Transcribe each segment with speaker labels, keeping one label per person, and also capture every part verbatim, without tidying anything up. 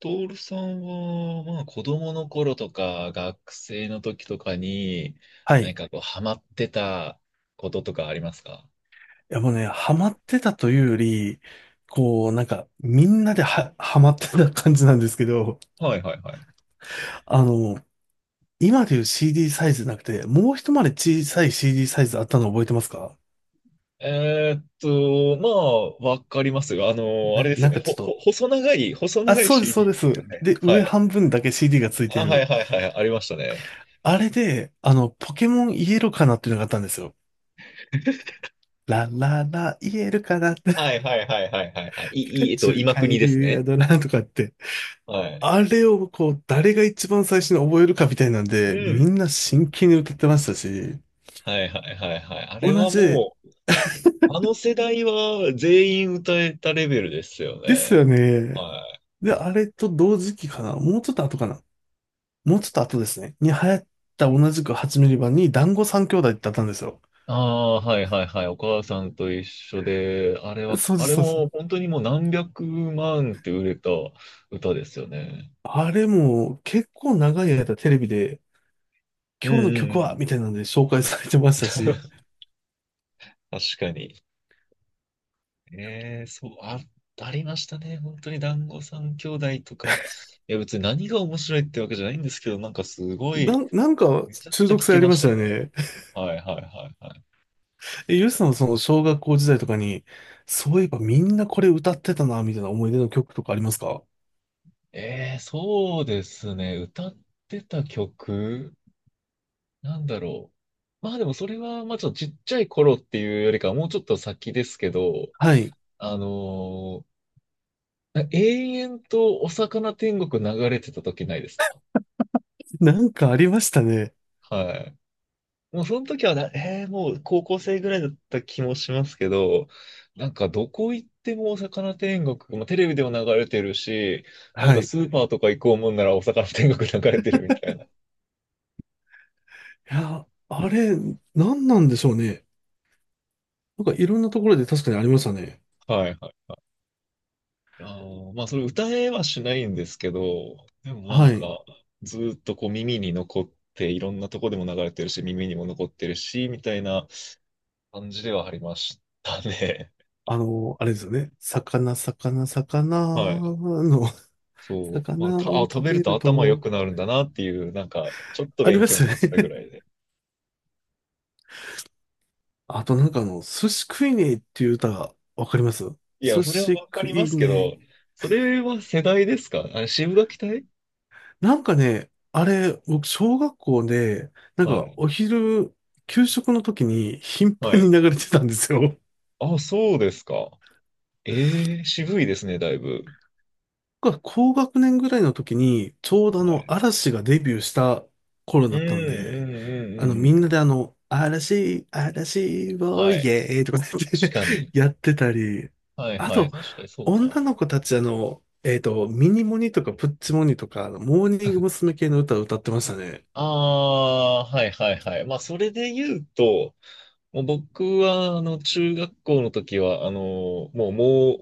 Speaker 1: トールさんは、まあ、子供の頃とか、学生の時とかに、
Speaker 2: はい。
Speaker 1: 何
Speaker 2: い
Speaker 1: かこう、ハマってたこととかありますか？
Speaker 2: やもうね、ハマってたというより、こう、なんか、みんなでは、ハマってた感じなんですけど、
Speaker 1: はいはいはい。
Speaker 2: あの、今でいう シーディー サイズじゃなくて、もう一回り小さい シーディー サイズあったの覚えてますか？
Speaker 1: えーっと、まあ、わかりますよ。あの、あれ
Speaker 2: な、
Speaker 1: です
Speaker 2: な
Speaker 1: よ
Speaker 2: ん
Speaker 1: ね。
Speaker 2: かち
Speaker 1: ほ、
Speaker 2: ょっ
Speaker 1: ほ、
Speaker 2: と、
Speaker 1: 細長い、細
Speaker 2: あ、
Speaker 1: 長い
Speaker 2: そうです、そう
Speaker 1: シーディー
Speaker 2: で
Speaker 1: で
Speaker 2: す。
Speaker 1: すよね。
Speaker 2: で、
Speaker 1: は
Speaker 2: 上
Speaker 1: い。
Speaker 2: 半分だけ シーディー がついて
Speaker 1: あ、は
Speaker 2: る。
Speaker 1: いはいはい。ありましたね。
Speaker 2: あれで、あの、ポケモンイエロかなっていうのがあったんですよ。ラララ、イエロかなって、
Speaker 1: はいはいはいはいはいはい。
Speaker 2: ピ
Speaker 1: い、
Speaker 2: カ
Speaker 1: い、えっ
Speaker 2: チ
Speaker 1: と、
Speaker 2: ュウ、
Speaker 1: 今
Speaker 2: カエ
Speaker 1: 国です
Speaker 2: ル、ヤ
Speaker 1: ね。
Speaker 2: ドラとかって、
Speaker 1: はい。
Speaker 2: あれをこう、誰が一番最初に覚えるかみたいなん
Speaker 1: う
Speaker 2: で、み
Speaker 1: ん。
Speaker 2: んな真剣に歌ってましたし、
Speaker 1: はいはいはいはい。あれ
Speaker 2: 同
Speaker 1: は
Speaker 2: じ
Speaker 1: もう、あの世代は全員歌えたレベルですよ
Speaker 2: ですよ
Speaker 1: ね。
Speaker 2: ね。
Speaker 1: はい。
Speaker 2: で、あれと同時期かな。もうちょっと後かな。もうちょっと後ですね。に流行った同じくはちミリミリ版に団子三兄弟ってあったんですよ。
Speaker 1: ああー、はいはいはい。お母さんと一緒で、あれは、
Speaker 2: そうで
Speaker 1: あ
Speaker 2: す、
Speaker 1: れ
Speaker 2: そうで
Speaker 1: も
Speaker 2: す。
Speaker 1: 本当にもう何百万って売れた歌ですよね。
Speaker 2: あれも結構長い間テレビで、
Speaker 1: うん
Speaker 2: 今日の
Speaker 1: うんう
Speaker 2: 曲は
Speaker 1: ん。
Speaker 2: みたいなんで紹介されてましたし、
Speaker 1: 確かに。ええそう、あ、ありましたね。本当に団子三兄弟とか。いや、別に何が面白いってわけじゃないんですけど、なんかすご
Speaker 2: な
Speaker 1: い、
Speaker 2: ん、なんか
Speaker 1: めちゃく
Speaker 2: 中
Speaker 1: ちゃ聞
Speaker 2: 毒性
Speaker 1: き
Speaker 2: あり
Speaker 1: ま
Speaker 2: ま
Speaker 1: し
Speaker 2: し
Speaker 1: た
Speaker 2: たよ
Speaker 1: ね。
Speaker 2: ね。
Speaker 1: はいはいはいはい。
Speaker 2: え、ゆうさん、その小学校時代とかに、そういえばみんなこれ歌ってたな、みたいな思い出の曲とかありますか？
Speaker 1: ええそうですね。歌ってた曲。なんだろう。まあでもそれは、まあちょっとちっちゃい頃っていうよりかはもうちょっと先ですけど、
Speaker 2: はい。
Speaker 1: あのー永遠とお魚天国流れてた時ないですか？
Speaker 2: なんかありましたね。
Speaker 1: はい。もうその時はな、えーもう高校生ぐらいだった気もしますけど、なんかどこ行ってもお魚天国、まあテレビでも流れてるし、なん
Speaker 2: は
Speaker 1: か
Speaker 2: い。い
Speaker 1: スーパーとか行こうもんならお魚天国流れてるみたいな。
Speaker 2: や、あれ、なんなんでしょうね。なんかいろんなところで確かにありましたね。
Speaker 1: はいはい。あーまあ、それ歌えはしないんですけど、でもなん
Speaker 2: はい。
Speaker 1: か、ずーっとこう耳に残って、いろんなとこでも流れてるし、耳にも残ってるし、みたいな感じではありましたね。
Speaker 2: あの、あれですよね。魚、魚、
Speaker 1: はい。
Speaker 2: 魚の、
Speaker 1: そう。まあ、
Speaker 2: 魚
Speaker 1: た、あ、
Speaker 2: を
Speaker 1: 食
Speaker 2: 食
Speaker 1: べる
Speaker 2: べ
Speaker 1: と
Speaker 2: る
Speaker 1: 頭良
Speaker 2: と、
Speaker 1: くなるんだなっていう、なんか、ちょっと
Speaker 2: あり
Speaker 1: 勉
Speaker 2: まし
Speaker 1: 強になっ
Speaker 2: た
Speaker 1: たぐ
Speaker 2: ね。
Speaker 1: らいで。
Speaker 2: あとなんかあの、寿司食いねえっていう歌、わかります？
Speaker 1: いや、
Speaker 2: 寿
Speaker 1: それは
Speaker 2: 司
Speaker 1: わか
Speaker 2: 食
Speaker 1: りま
Speaker 2: い
Speaker 1: すけ
Speaker 2: ね
Speaker 1: ど、
Speaker 2: え。
Speaker 1: それは世代ですかあ、渋柿隊。
Speaker 2: なんかね、あれ、僕、小学校で、なん
Speaker 1: は
Speaker 2: か、
Speaker 1: い。
Speaker 2: お昼、給食の時に頻
Speaker 1: は
Speaker 2: 繁
Speaker 1: い。
Speaker 2: に流れてたんですよ。
Speaker 1: あ、そうですか。ええ渋いですね、だいぶ。
Speaker 2: 僕は高学年ぐらいの時に、ちょうどあ
Speaker 1: は
Speaker 2: の、
Speaker 1: い。
Speaker 2: 嵐がデビューした頃
Speaker 1: うん、
Speaker 2: だ
Speaker 1: う
Speaker 2: っ
Speaker 1: ん、う
Speaker 2: たんで、
Speaker 1: ん、
Speaker 2: あの、
Speaker 1: う
Speaker 2: み
Speaker 1: ん。う
Speaker 2: んなで
Speaker 1: ん、
Speaker 2: あの、嵐、嵐、を
Speaker 1: は
Speaker 2: イ
Speaker 1: い。
Speaker 2: エーイとかね
Speaker 1: 確かに。
Speaker 2: やってたり、
Speaker 1: はい
Speaker 2: あ
Speaker 1: はい。
Speaker 2: と、
Speaker 1: 確かにそうか。
Speaker 2: 女の子たちあの、えっと、ミニモニとかプッチモニとか、あのモーニング娘。系の歌を歌ってましたね。
Speaker 1: ああ、はいはいはい。まあ、それで言うと、もう僕は、あの、中学校の時は、あの、もう、モ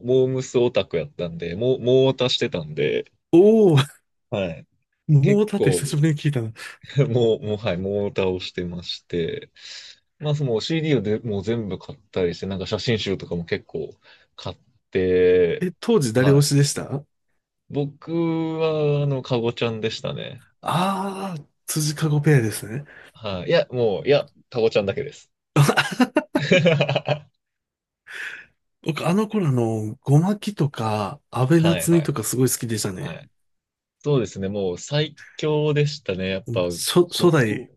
Speaker 1: ー、モームスオタクやったんで、もう、モーオタしてたんで、
Speaker 2: おー、
Speaker 1: はい。
Speaker 2: も
Speaker 1: 結
Speaker 2: うだって久し
Speaker 1: 構、
Speaker 2: ぶりに聞いたな。
Speaker 1: もう、もう、はい、モーオタをしてまして、まあ、その シーディー をでもう全部買ったりして、なんか写真集とかも結構買って、
Speaker 2: え、当時誰
Speaker 1: は
Speaker 2: 推しで
Speaker 1: い。
Speaker 2: したあ
Speaker 1: 僕は、あの、カゴちゃんでしたね。
Speaker 2: ー？辻かごペアですね。
Speaker 1: はい。いや、もう、いや、タコちゃんだけです。は
Speaker 2: 僕、あの頃あの、ゴマキとか、安倍
Speaker 1: いはい
Speaker 2: 夏
Speaker 1: は
Speaker 2: 実と
Speaker 1: い。
Speaker 2: かすごい好きでした
Speaker 1: は
Speaker 2: ね。
Speaker 1: い。そうですね。もう最強でしたね。やっぱ、
Speaker 2: 初、初
Speaker 1: 後藤。
Speaker 2: 代、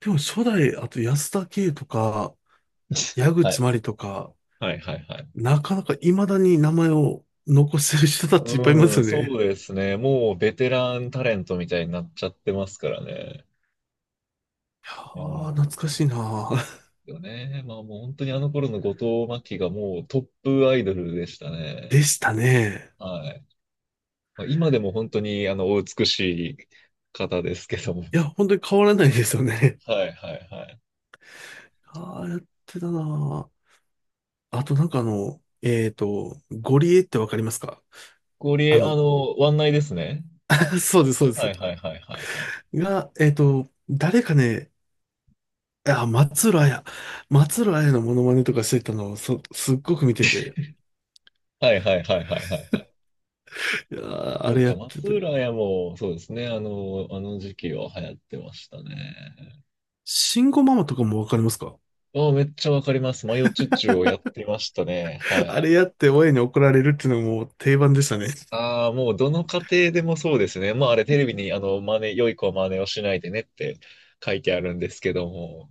Speaker 2: でも初代、あと安田圭とか、矢
Speaker 1: は
Speaker 2: 口真
Speaker 1: い。
Speaker 2: 里とか、
Speaker 1: はいはいはい。
Speaker 2: なかなか未だに名前を残してる人たちいっぱいいま
Speaker 1: う
Speaker 2: す
Speaker 1: ん、
Speaker 2: よね。
Speaker 1: そ
Speaker 2: いや
Speaker 1: うですね。もうベテランタレントみたいになっちゃってますからね。あ
Speaker 2: ー、
Speaker 1: あ、
Speaker 2: 懐かしいなー。
Speaker 1: よね。まあもう本当にあの頃の後藤真希がもうトップアイドルでした
Speaker 2: で
Speaker 1: ね。
Speaker 2: したね。
Speaker 1: はい。まあ、今でも本当にあのお美しい方ですけども。
Speaker 2: いや、本当に変わらないですよね。
Speaker 1: はいはいはい。
Speaker 2: ああ、やってたなー。あとなんかあの、えっと、ゴリエってわかりますか？あ
Speaker 1: 氷、あ
Speaker 2: の、
Speaker 1: の、湾内ですね。
Speaker 2: そうです、そうで
Speaker 1: はい
Speaker 2: す。
Speaker 1: はいはいはいはい。
Speaker 2: が、えっと、誰かね、あ、松浦綾。松浦綾のモノマネとかしてたのを、そ、すっごく見てて、
Speaker 1: はいはいはいはいはいはい。
Speaker 2: いやーあ
Speaker 1: そう
Speaker 2: れや
Speaker 1: か、
Speaker 2: って
Speaker 1: 松
Speaker 2: て。
Speaker 1: 浦屋も、そうですね。あの、あの時期は流行ってましたね。
Speaker 2: 慎吾ママとかもわかりますか？
Speaker 1: ああ、めっちゃわかります。マヨチュチュをやってましたね。は
Speaker 2: あれ
Speaker 1: い。
Speaker 2: やって親に怒られるっていうのも定番でしたね。
Speaker 1: ああ、もうどの家庭でもそうですね。まああれテレビに、あの、真似、良い子は真似をしないでねって書いてあるんですけども、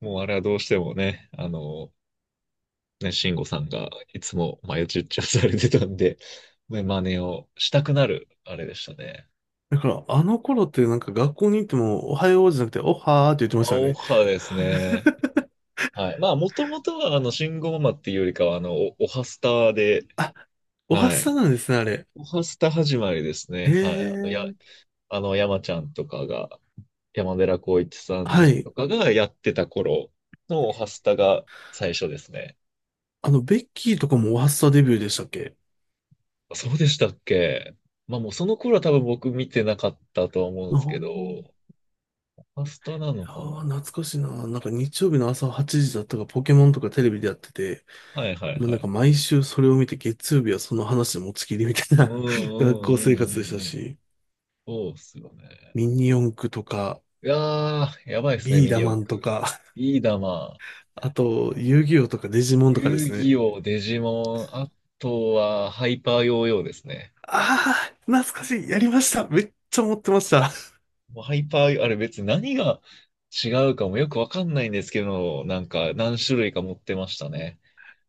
Speaker 1: もうあれはどうしてもね、あの、ね、慎吾さんがいつもマヨチュッチュされてたんで、ね真似をしたくなる、あれでしたね。
Speaker 2: だから、あの頃ってなんか学校に行っても、おはようじゃなくて、おはーって言ってまし
Speaker 1: ア
Speaker 2: たよ
Speaker 1: オ
Speaker 2: ね。
Speaker 1: ハですね。はい。まあ、もともとは、あの、信号ママっていうよりかは、あの、お、おはスタで、
Speaker 2: おはっ
Speaker 1: は
Speaker 2: さ
Speaker 1: い。
Speaker 2: なんですね、あれ。
Speaker 1: おはスタ始まりですね。
Speaker 2: へ
Speaker 1: はい。あの、や、
Speaker 2: え。
Speaker 1: あの、山ちゃんとかが、山寺宏一さ
Speaker 2: は
Speaker 1: ん
Speaker 2: い。
Speaker 1: とかがやってた頃のおはスタが最初ですね。
Speaker 2: あの、ベッキーとかもおはっさデビューでしたっけ？
Speaker 1: そうでしたっけ？まあ、もうその頃は多分僕見てなかったと思うん
Speaker 2: あ
Speaker 1: ですけど、
Speaker 2: ー
Speaker 1: おはスタなのか
Speaker 2: ああ、
Speaker 1: な？
Speaker 2: 懐かしいな。なんか日曜日の朝はちじだったか、ポケモンとかテレビでやってて、
Speaker 1: はいはい
Speaker 2: もう
Speaker 1: は
Speaker 2: なんか
Speaker 1: い。
Speaker 2: 毎週それを見て、月曜日はその話で持ちきりみたい
Speaker 1: うんう
Speaker 2: な 学校生活でし
Speaker 1: んうんうん
Speaker 2: た
Speaker 1: うん。
Speaker 2: し、
Speaker 1: そうっすよね。
Speaker 2: ミニ四駆とか、
Speaker 1: いやー、やばいですね、
Speaker 2: ビー
Speaker 1: ミニ
Speaker 2: ダ
Speaker 1: 四
Speaker 2: マンと
Speaker 1: 駆。
Speaker 2: か、
Speaker 1: ビーダマ
Speaker 2: あと、遊戯王とかデジモンとかで
Speaker 1: 遊
Speaker 2: すね。
Speaker 1: 戯王、デジモン、あとはハイパーヨーヨーですね。
Speaker 2: ああ、懐かしい。やりました。めっちゃ持ってました。
Speaker 1: もうハイパー、あれ別に何が違うかもよくわかんないんですけど、なんか何種類か持ってましたね。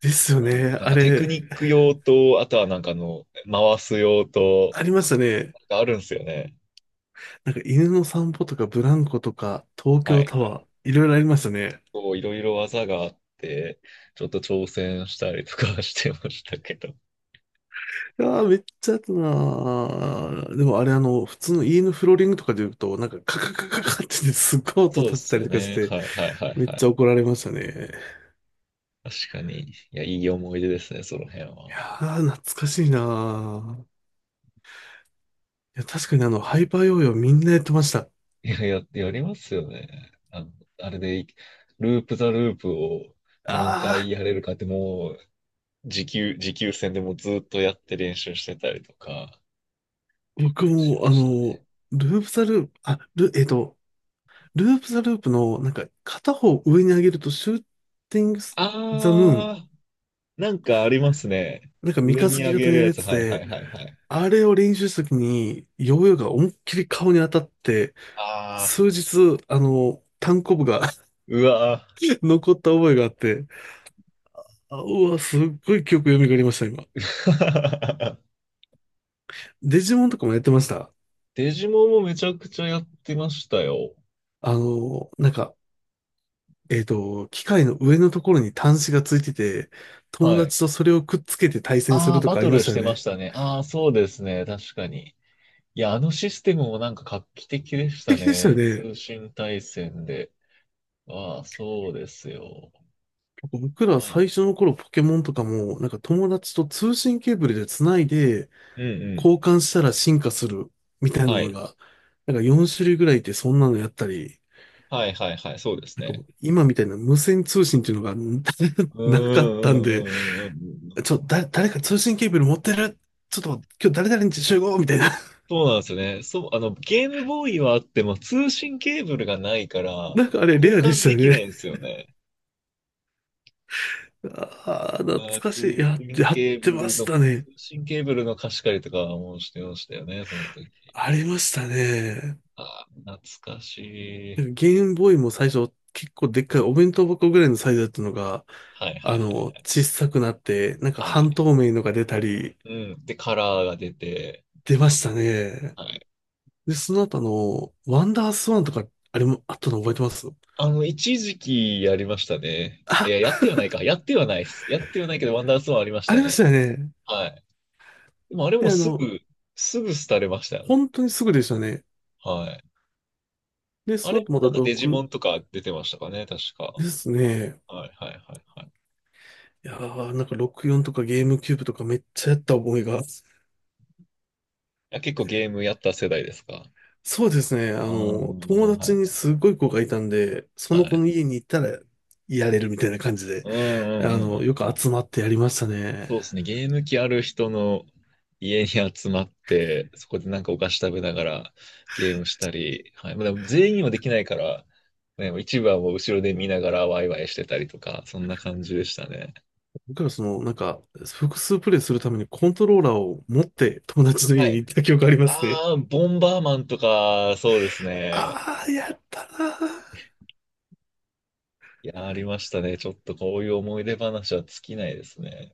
Speaker 2: ですよ
Speaker 1: は
Speaker 2: ね。
Speaker 1: い、なん
Speaker 2: あ
Speaker 1: かテク
Speaker 2: れ、
Speaker 1: ニック用と、あとはなんかあの、回す用と、
Speaker 2: ありましたね。
Speaker 1: なんかあるんですよね。
Speaker 2: なんか犬の散歩とか、ブランコとか、東
Speaker 1: はいは
Speaker 2: 京タ
Speaker 1: い。
Speaker 2: ワー、いろいろありましたね。
Speaker 1: こういろいろ技があって、ちょっと挑戦したりとかはしてましたけど。
Speaker 2: いやー、めっちゃやったなー。でもあれ、あの、普通の家のフローリングとかで言うと、なんかカカカカカってね すっごい音
Speaker 1: そうで
Speaker 2: 立て
Speaker 1: す
Speaker 2: たり
Speaker 1: よ
Speaker 2: とかし
Speaker 1: ね。
Speaker 2: て、
Speaker 1: はいはいはい
Speaker 2: めっ
Speaker 1: はい。
Speaker 2: ちゃ怒られましたね。
Speaker 1: 確かに。いや、いい思い出ですね、その辺
Speaker 2: いや
Speaker 1: は。
Speaker 2: ー、懐かしいなー。いや、確かにあの、ハイパーヨーヨーみんなやってました。
Speaker 1: いや、や、やりますよね。あの、あれで、ループザループを何回
Speaker 2: ああ
Speaker 1: やれるかってもう、持久、持久戦でもうずっとやって練習してたりとか
Speaker 2: 僕
Speaker 1: し
Speaker 2: も、あ
Speaker 1: ましたね。
Speaker 2: の、ループザループ、あ、ル、えっと、ループザループの、なんか、片方上に上げると、シューティングザムーン、
Speaker 1: あー、なんかありますね。
Speaker 2: なんか三
Speaker 1: 上
Speaker 2: 日
Speaker 1: に
Speaker 2: 月
Speaker 1: 上
Speaker 2: 型
Speaker 1: げ
Speaker 2: の
Speaker 1: る
Speaker 2: やる
Speaker 1: や
Speaker 2: や
Speaker 1: つ。
Speaker 2: つ
Speaker 1: はいは
Speaker 2: で、
Speaker 1: いはいはい。
Speaker 2: あれを練習した時に、ヨーヨーが思いっきり顔に当たって、
Speaker 1: あ
Speaker 2: 数日、あの、単コブが
Speaker 1: ー、うわー。
Speaker 2: 残った覚えがあって、あ、うわ、すっごい記憶蘇りました、今。デジモンとかもやってました。
Speaker 1: デジモンもめちゃくちゃやってましたよ。
Speaker 2: あの、なんか、えっと、機械の上のところに端子がついてて、友
Speaker 1: はい。
Speaker 2: 達とそれをくっつけて対戦する
Speaker 1: あー、
Speaker 2: と
Speaker 1: バ
Speaker 2: かあ
Speaker 1: ト
Speaker 2: りま
Speaker 1: ル
Speaker 2: し
Speaker 1: し
Speaker 2: たよ
Speaker 1: てまし
Speaker 2: ね。
Speaker 1: たね。あー、そうですね。確かに。いや、あのシステムもなんか画期的
Speaker 2: 素
Speaker 1: でした
Speaker 2: 敵でしたよ
Speaker 1: ね。
Speaker 2: ね。
Speaker 1: 通信対戦で。ああ、そうですよ。
Speaker 2: 僕ら
Speaker 1: まあ、や、
Speaker 2: 最初の頃ポケモンとかも、なんか友達と通信ケーブルでつないで、
Speaker 1: うんうん。
Speaker 2: 交換したら進化するみたいな
Speaker 1: は
Speaker 2: の
Speaker 1: い。
Speaker 2: が、なんかよん種類ぐらいいてそんなのやったり、
Speaker 1: はいはいはい。そうです
Speaker 2: なんかも
Speaker 1: ね。
Speaker 2: う今みたいな無線通信っていうのが
Speaker 1: う んう
Speaker 2: なかったん
Speaker 1: んう
Speaker 2: で、
Speaker 1: んうんうんうん。
Speaker 2: ちょ、だ、誰か通信ケーブル持ってる？ちょっと今日誰々に集合みたいな。
Speaker 1: そうなんですよね。そう、あの、ゲームボーイはあっても通信ケーブルがないか ら、
Speaker 2: なんかあれ
Speaker 1: 交
Speaker 2: レアで
Speaker 1: 換
Speaker 2: した
Speaker 1: で
Speaker 2: よ
Speaker 1: きない
Speaker 2: ね。
Speaker 1: んですよね。
Speaker 2: ああ、懐
Speaker 1: あー、
Speaker 2: かし
Speaker 1: 通
Speaker 2: い。やって、
Speaker 1: 信
Speaker 2: やっ
Speaker 1: ケー
Speaker 2: て
Speaker 1: ブ
Speaker 2: ま
Speaker 1: ル
Speaker 2: し
Speaker 1: の、通
Speaker 2: たね。
Speaker 1: 信ケーブルの貸し借りとかもしてましたよね、その時。
Speaker 2: ありましたね。
Speaker 1: ああ、懐かしい。
Speaker 2: ゲームボーイも最初結構でっかいお弁当箱ぐらいのサイズだったのが、
Speaker 1: はいはい
Speaker 2: あ
Speaker 1: は
Speaker 2: の、
Speaker 1: い。
Speaker 2: 小さくなって、なんか
Speaker 1: はい、
Speaker 2: 半透明のが出たり、
Speaker 1: うん。で、カラーが出て、
Speaker 2: 出ましたね。
Speaker 1: はい。
Speaker 2: で、その後あの、ワンダースワンとか、あれもあったの覚えてます？
Speaker 1: あの、一時期やりましたね。いや、
Speaker 2: あ、
Speaker 1: やってはないか。やってはないです。やってはないけど、ワンダーストーンありまし
Speaker 2: あ
Speaker 1: た
Speaker 2: りました
Speaker 1: ね。
Speaker 2: よね。
Speaker 1: はい。でも、あれ
Speaker 2: で、
Speaker 1: も
Speaker 2: あ
Speaker 1: す
Speaker 2: の、
Speaker 1: ぐ、すぐ廃れましたよね。
Speaker 2: 本当にすぐでしたね。
Speaker 1: はい。
Speaker 2: で、
Speaker 1: あ
Speaker 2: その
Speaker 1: れ
Speaker 2: 後
Speaker 1: も
Speaker 2: また
Speaker 1: なんかデジモ
Speaker 2: ろく
Speaker 1: ンとか出てましたかね、確か。
Speaker 2: ですね。
Speaker 1: はい、はい、はい、はい。い
Speaker 2: いやー、なんかろくじゅうよんとかゲームキューブとかめっちゃやった覚えが。
Speaker 1: や、結構ゲームやった世代ですか？
Speaker 2: そうですね。あ
Speaker 1: ああー、
Speaker 2: の、友
Speaker 1: は
Speaker 2: 達に
Speaker 1: い。
Speaker 2: すごい子がいたんで、そ
Speaker 1: は
Speaker 2: の子
Speaker 1: い。
Speaker 2: の家に行ったらやれるみたいな感じで、
Speaker 1: うん、うん、う
Speaker 2: あ
Speaker 1: ん、
Speaker 2: の、よ
Speaker 1: う
Speaker 2: く
Speaker 1: ん。
Speaker 2: 集まってやりましたね。
Speaker 1: そうですね。ゲーム機ある人の家に集まって、そこでなんかお菓子食べながらゲームしたり、はい。まあ、でも全員にはできないから、ね、一部はもう後ろで見ながらワイワイしてたりとか、そんな感じでしたね。
Speaker 2: 僕らその、なんか、複数プレイするためにコントローラーを持って友達の
Speaker 1: は
Speaker 2: 家に
Speaker 1: い。
Speaker 2: 行った記憶ありますね。
Speaker 1: ああ、ボンバーマンとか、そうですね。
Speaker 2: ああ、やったなー。
Speaker 1: いや、ありましたね。ちょっとこういう思い出話は尽きないですね。